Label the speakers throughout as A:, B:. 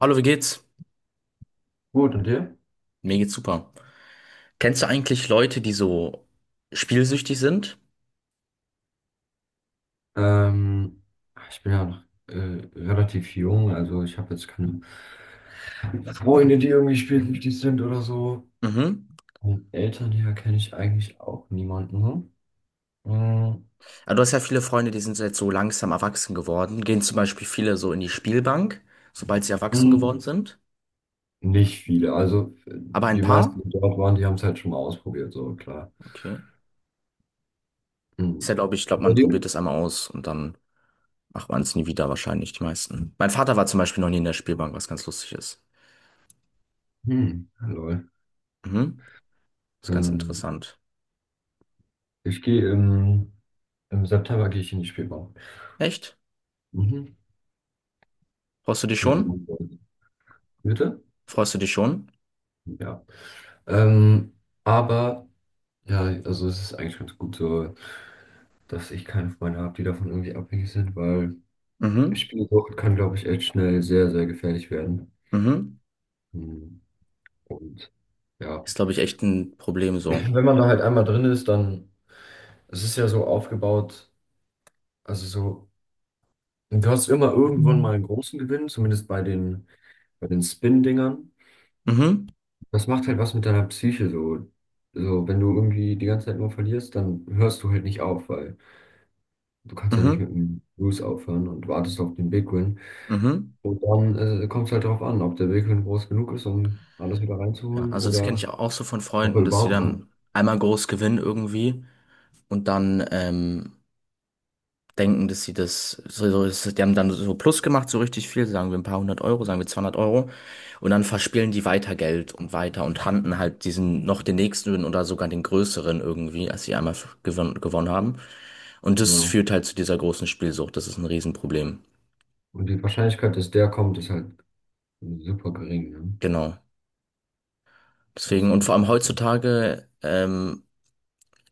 A: Hallo, wie geht's?
B: Gut, und dir?
A: Mir geht's super. Kennst du eigentlich Leute, die so spielsüchtig sind?
B: Ähm, ich bin ja noch äh, relativ jung, also ich habe jetzt keine Freunde, die irgendwie spielsüchtig sind oder so.
A: Mhm.
B: Und Eltern her kenne ich eigentlich auch niemanden. Hm,
A: Ja, du hast ja viele Freunde, die sind jetzt so langsam erwachsen geworden. Gehen zum Beispiel viele so in die Spielbank, sobald sie erwachsen
B: hm.
A: geworden sind.
B: Nicht viele. Also
A: Aber ein
B: die meisten,
A: paar?
B: die dort waren, die haben es halt schon mal ausprobiert, so klar.
A: Okay. Ist
B: Hm.
A: ja, glaube ich,
B: Bei
A: man probiert
B: dir?
A: es einmal aus und dann macht man es nie wieder, wahrscheinlich die meisten. Mein Vater war zum Beispiel noch nie in der Spielbank, was ganz lustig ist.
B: Hm, lol.
A: Mhm. Ist ganz
B: Ähm,
A: interessant.
B: ich gehe im, im September gehe ich in die Spielbahn.
A: Echt?
B: Mhm.
A: Freust du dich
B: Mit
A: schon?
B: meinen Freunden. Bitte?
A: Freust du dich schon?
B: Ja. Ähm, aber. Ja, also es ist eigentlich ganz gut so, dass ich keine Freunde habe, die davon irgendwie abhängig sind, weil
A: Mhm.
B: Spielsucht kann, glaube ich, echt schnell sehr, sehr gefährlich werden.
A: Mhm.
B: Hm, Und ja,
A: Ist, glaube ich, echt ein Problem so.
B: wenn man da halt einmal drin ist, dann, es ist ja so aufgebaut, also so, du hast immer irgendwann mal einen großen Gewinn, zumindest bei den Spin-Dingern.
A: Mhm,
B: Das macht halt was mit deiner Psyche so. So, wenn du irgendwie die ganze Zeit nur verlierst, dann hörst du halt nicht auf, weil du kannst ja nicht mit
A: mhm,
B: dem Lose aufhören und wartest auf den Big Win.
A: mhm.
B: Und dann kommt es halt darauf an, ob der Willen groß genug ist, um alles wieder
A: Ja,
B: reinzuholen
A: also das kenne
B: oder
A: ich auch so von
B: ob er
A: Freunden, dass sie
B: überhaupt
A: dann
B: kommt.
A: einmal groß gewinnen irgendwie und dann denken, dass sie das, die haben dann so Plus gemacht, so richtig viel, sagen wir ein paar hundert Euro, sagen wir 200 Euro und dann verspielen die weiter Geld und weiter und handeln halt diesen noch den nächsten oder sogar den größeren irgendwie, als sie einmal gewonnen haben. Und das
B: Genau.
A: führt halt zu dieser großen Spielsucht, das ist ein Riesenproblem.
B: Und die Wahrscheinlichkeit, dass der kommt, ist halt super gering. Ne?
A: Genau.
B: Das ist
A: Deswegen, und
B: halt,
A: vor allem heutzutage,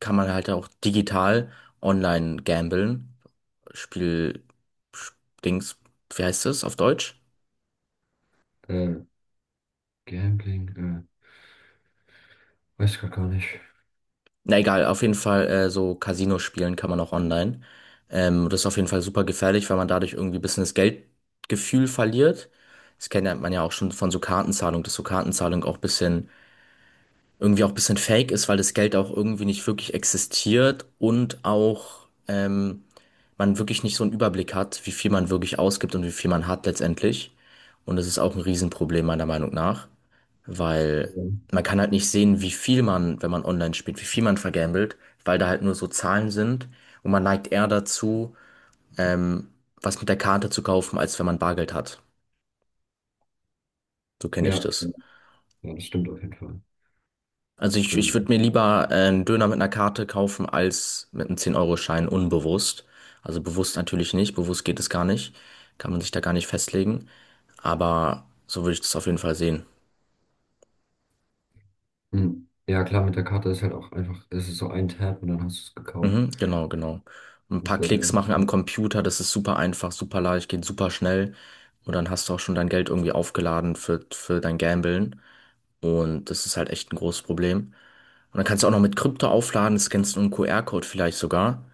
A: kann man halt auch digital online gamblen. Spiel, Sch- Dings, wie heißt es auf Deutsch?
B: äh, Gambling, weiß ich grad gar nicht.
A: Na egal, auf jeden Fall so Casino spielen kann man auch online. Das ist auf jeden Fall super gefährlich, weil man dadurch irgendwie ein bisschen das Geldgefühl verliert. Das kennt ja, man ja auch schon von so Kartenzahlung, dass so Kartenzahlung auch ein bisschen, irgendwie auch ein bisschen fake ist, weil das Geld auch irgendwie nicht wirklich existiert und auch, man wirklich nicht so einen Überblick hat, wie viel man wirklich ausgibt und wie viel man hat letztendlich. Und das ist auch ein Riesenproblem meiner Meinung nach, weil
B: Ja,
A: man kann halt nicht sehen, wie viel man, wenn man online spielt, wie viel man vergambelt, weil da halt nur so Zahlen sind und man neigt eher dazu, ähm, was mit der Karte zu kaufen, als wenn man Bargeld hat. So kenne ich
B: ja,
A: das.
B: ja, das stimmt auf jeden Fall.
A: Also ich würde
B: Ähm,
A: mir lieber einen Döner mit einer Karte kaufen, als mit einem 10-Euro-Schein unbewusst. Also bewusst natürlich nicht, bewusst geht es gar nicht, kann man sich da gar nicht festlegen. Aber so würde ich das auf jeden Fall sehen.
B: mh. Ja, klar, mit der Karte ist halt auch einfach, es ist so ein Tab und dann hast du es gekauft.
A: Mhm, genau, genau. Ein
B: Das
A: paar
B: glaube ich
A: Klicks
B: auch.
A: machen am Computer, das ist super einfach, super leicht, geht super schnell. Und dann hast du auch schon dein Geld irgendwie aufgeladen für dein Gamblen. Und das ist halt echt ein großes Problem. Und dann kannst du auch noch mit Krypto aufladen, scannst einen QR-Code vielleicht sogar,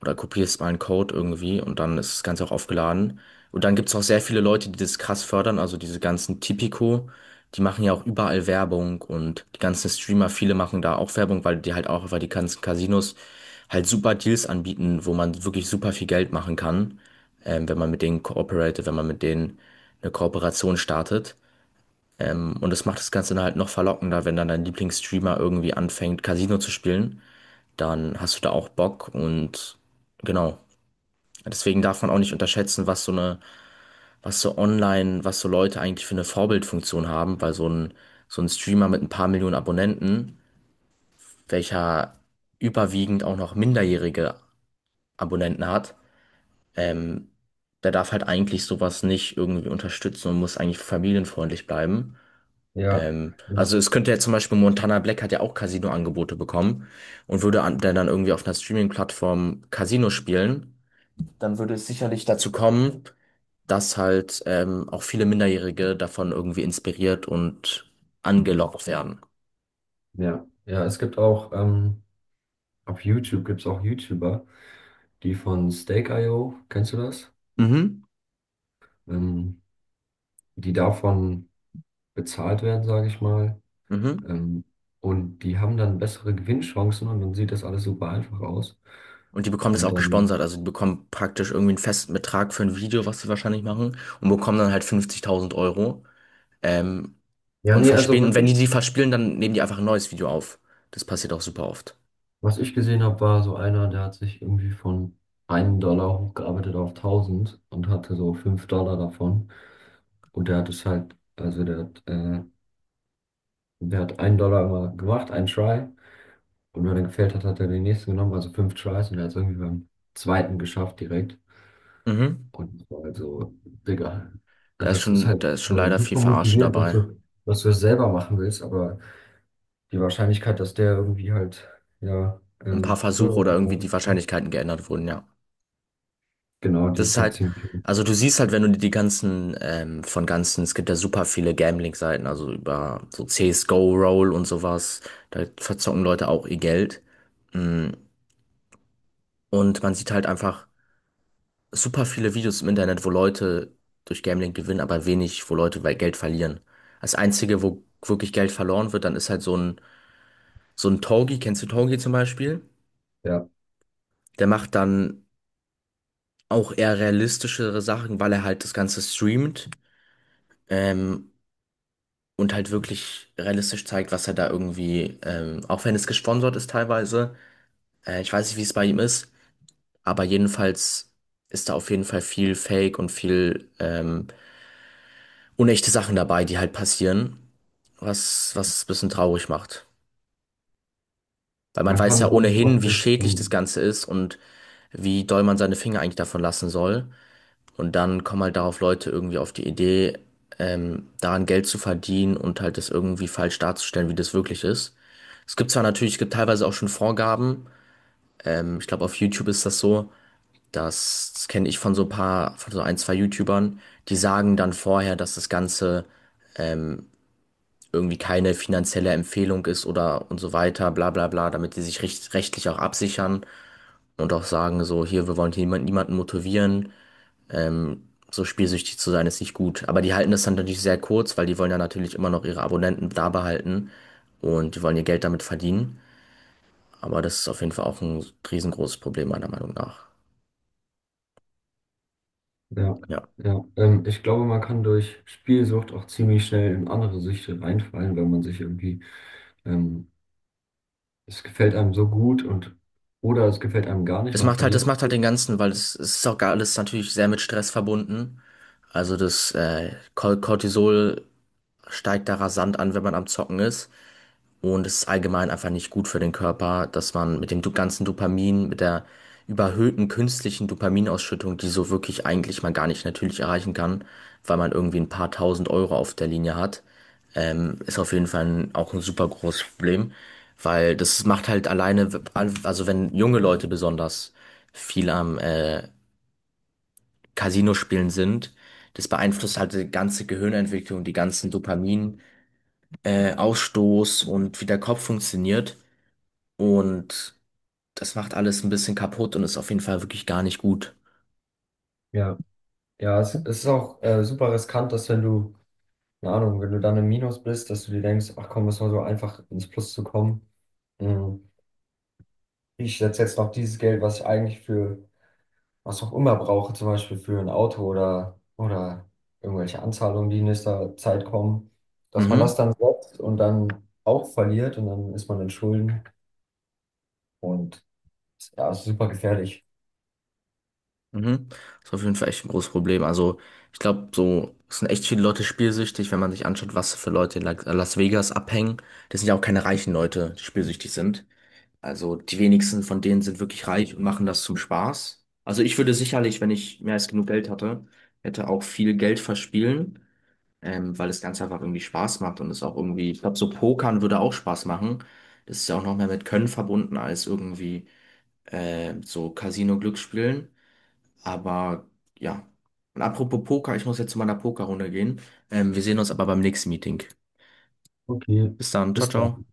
A: oder kopierst mal einen Code irgendwie und dann ist das Ganze auch aufgeladen. Und dann gibt's auch sehr viele Leute, die das krass fördern, also diese ganzen Tipico, die machen ja auch überall Werbung und die ganzen Streamer, viele machen da auch Werbung, weil die halt auch, weil die ganzen Casinos halt super Deals anbieten, wo man wirklich super viel Geld machen kann, wenn man mit denen kooperiert, wenn man mit denen eine Kooperation startet. Und das macht das Ganze dann halt noch verlockender, wenn dann dein Lieblingsstreamer irgendwie anfängt, Casino zu spielen, dann hast du da auch Bock und genau. Deswegen darf man auch nicht unterschätzen, was so eine, was so online, was so Leute eigentlich für eine Vorbildfunktion haben, weil so ein Streamer mit ein paar Millionen Abonnenten, welcher überwiegend auch noch minderjährige Abonnenten hat, ähm, der darf halt eigentlich sowas nicht irgendwie unterstützen und muss eigentlich familienfreundlich bleiben.
B: Ja,
A: Ähm,
B: ja,
A: also es könnte ja zum Beispiel Montana Black hat ja auch Casino-Angebote bekommen und würde an, der dann irgendwie auf einer Streaming-Plattform Casino spielen, dann würde es sicherlich dazu kommen, dass halt auch viele Minderjährige davon irgendwie inspiriert und angelockt werden.
B: ja, ja. Es gibt auch auf YouTube gibt es auch YouTuber, die von Stake.io, kennst du das?
A: Mhm.
B: Ähm, die davon bezahlt werden, sage ich mal.
A: Mhm.
B: Ähm, und die haben dann bessere Gewinnchancen und dann sieht das alles super einfach aus.
A: Und die bekommen das
B: Und
A: auch
B: dann,
A: gesponsert. Also die bekommen praktisch irgendwie einen festen Betrag für ein Video, was sie wahrscheinlich machen, und bekommen dann halt 50.000 Euro. Ähm,
B: ja,
A: und
B: nee, also
A: verspielen.
B: was
A: Und wenn die
B: ich,
A: die verspielen, dann nehmen die einfach ein neues Video auf. Das passiert auch super oft.
B: was ich gesehen habe, war so einer, der hat sich irgendwie von 1 Dollar hochgearbeitet auf 1.000 und hatte so 5 Dollar davon. Und der hat es halt, also der hat 1 Dollar immer gemacht, einen Try. Und wenn er gefällt hat, hat er den nächsten genommen, also fünf Tries und er hat es irgendwie beim zweiten geschafft direkt.
A: Mhm.
B: Und das war halt so, Digga,
A: Da
B: also
A: ist
B: das ist
A: schon,
B: halt
A: da ist schon
B: so
A: leider viel
B: super
A: Verarsche
B: motivierend, dass
A: dabei.
B: du, dass du es selber machen willst, aber die Wahrscheinlichkeit, dass der irgendwie halt, ja,
A: Ein paar Versuche
B: höhere
A: oder irgendwie
B: Bereich
A: die
B: kommt,
A: Wahrscheinlichkeiten geändert wurden, ja.
B: genau, die
A: Das ist
B: ist halt
A: halt,
B: ziemlich hoch.
A: also du siehst halt, wenn du dir die ganzen, von ganzen, es gibt ja super viele Gambling-Seiten, also über so CSGO, Roll und sowas, da verzocken Leute auch ihr Geld. Mm, Und man sieht halt einfach super viele Videos im Internet, wo Leute durch Gambling gewinnen, aber wenig, wo Leute bei Geld verlieren. Das Einzige, wo wirklich Geld verloren wird, dann ist halt so ein Togi, kennst du Togi zum Beispiel?
B: Ja,
A: Der macht dann auch eher realistischere Sachen, weil er halt das Ganze streamt. Ähm, und halt wirklich realistisch zeigt, was er da irgendwie, auch wenn es gesponsert ist teilweise, ich weiß nicht, wie es bei ihm ist, aber jedenfalls ist da auf jeden Fall viel Fake und viel unechte Sachen dabei, die halt passieren, was es ein bisschen traurig macht. Weil man
B: man
A: weiß
B: kann
A: ja
B: dadurch auch
A: ohnehin, wie
B: nicht,
A: schädlich das Ganze ist und wie doll man seine Finger eigentlich davon lassen soll. Und dann kommen halt darauf Leute irgendwie auf die Idee, daran Geld zu verdienen und halt das irgendwie falsch darzustellen, wie das wirklich ist. Es gibt zwar natürlich, es gibt teilweise auch schon Vorgaben. Ich glaube, auf YouTube ist das so. Das kenne ich von so ein paar, von so ein, zwei YouTubern. Die sagen dann vorher, dass das Ganze irgendwie keine finanzielle Empfehlung ist oder und so weiter, bla bla bla, damit die sich rechtlich auch absichern und auch sagen, so, hier, wir wollen hier niemanden motivieren. So spielsüchtig zu sein ist nicht gut. Aber die halten das dann natürlich sehr kurz, weil die wollen ja natürlich immer noch ihre Abonnenten da behalten und die wollen ihr Geld damit verdienen. Aber das ist auf jeden Fall auch ein riesengroßes Problem, meiner Meinung nach.
B: ja,
A: Ja.
B: ja, ich glaube, man kann durch Spielsucht auch ziemlich schnell in andere Süchte reinfallen, wenn man sich irgendwie ähm, es gefällt einem so gut und oder es gefällt einem gar nicht,
A: Das
B: man
A: macht halt, das
B: verliert.
A: macht halt den Ganzen, weil es ist auch gar alles natürlich sehr mit Stress verbunden. Also das Cortisol steigt da rasant an, wenn man am Zocken ist. Und es ist allgemein einfach nicht gut für den Körper, dass man mit dem ganzen Dopamin, mit der überhöhten künstlichen Dopaminausschüttung, die so wirklich eigentlich man gar nicht natürlich erreichen kann, weil man irgendwie ein paar tausend Euro auf der Linie hat, ist auf jeden Fall auch ein super großes Problem, weil das macht halt alleine, also wenn junge Leute besonders viel am Casino spielen sind, das beeinflusst halt die ganze Gehirnentwicklung, die ganzen Dopamin, Ausstoß und wie der Kopf funktioniert. Und das macht alles ein bisschen kaputt und ist auf jeden Fall wirklich gar nicht gut.
B: Ja, ja, es, ist auch super riskant, dass wenn du, keine Ahnung, wenn du dann im Minus bist, dass du dir denkst, ach komm, es war so einfach ins Plus zu kommen. Mhm. Ich setze jetzt noch dieses Geld, was ich eigentlich für was auch immer brauche, zum Beispiel für ein Auto oder, irgendwelche Anzahlungen, die in nächster Zeit kommen, dass man das
A: Mhm.
B: dann setzt und dann auch verliert und dann ist man in Schulden und ja, es ist super gefährlich.
A: Mhm. Ist auf jeden Fall echt ein großes Problem. Also, ich glaube, so es sind echt viele Leute spielsüchtig, wenn man sich anschaut, was für Leute in Las Vegas abhängen. Das sind ja auch keine reichen Leute, die spielsüchtig sind. Also, die wenigsten von denen sind wirklich reich und machen das zum Spaß. Also, ich würde sicherlich, wenn ich mehr als genug Geld hatte, hätte auch viel Geld verspielen, weil das Ganze einfach irgendwie Spaß macht und es auch irgendwie, ich glaube, so Pokern würde auch Spaß machen. Das ist ja auch noch mehr mit Können verbunden als irgendwie so Casino-Glücksspielen. Aber ja. Und apropos Poker, ich muss jetzt zu meiner Pokerrunde gehen. Wir sehen uns aber beim nächsten Meeting.
B: Okay,
A: Bis dann, ciao,
B: bis dann.
A: ciao.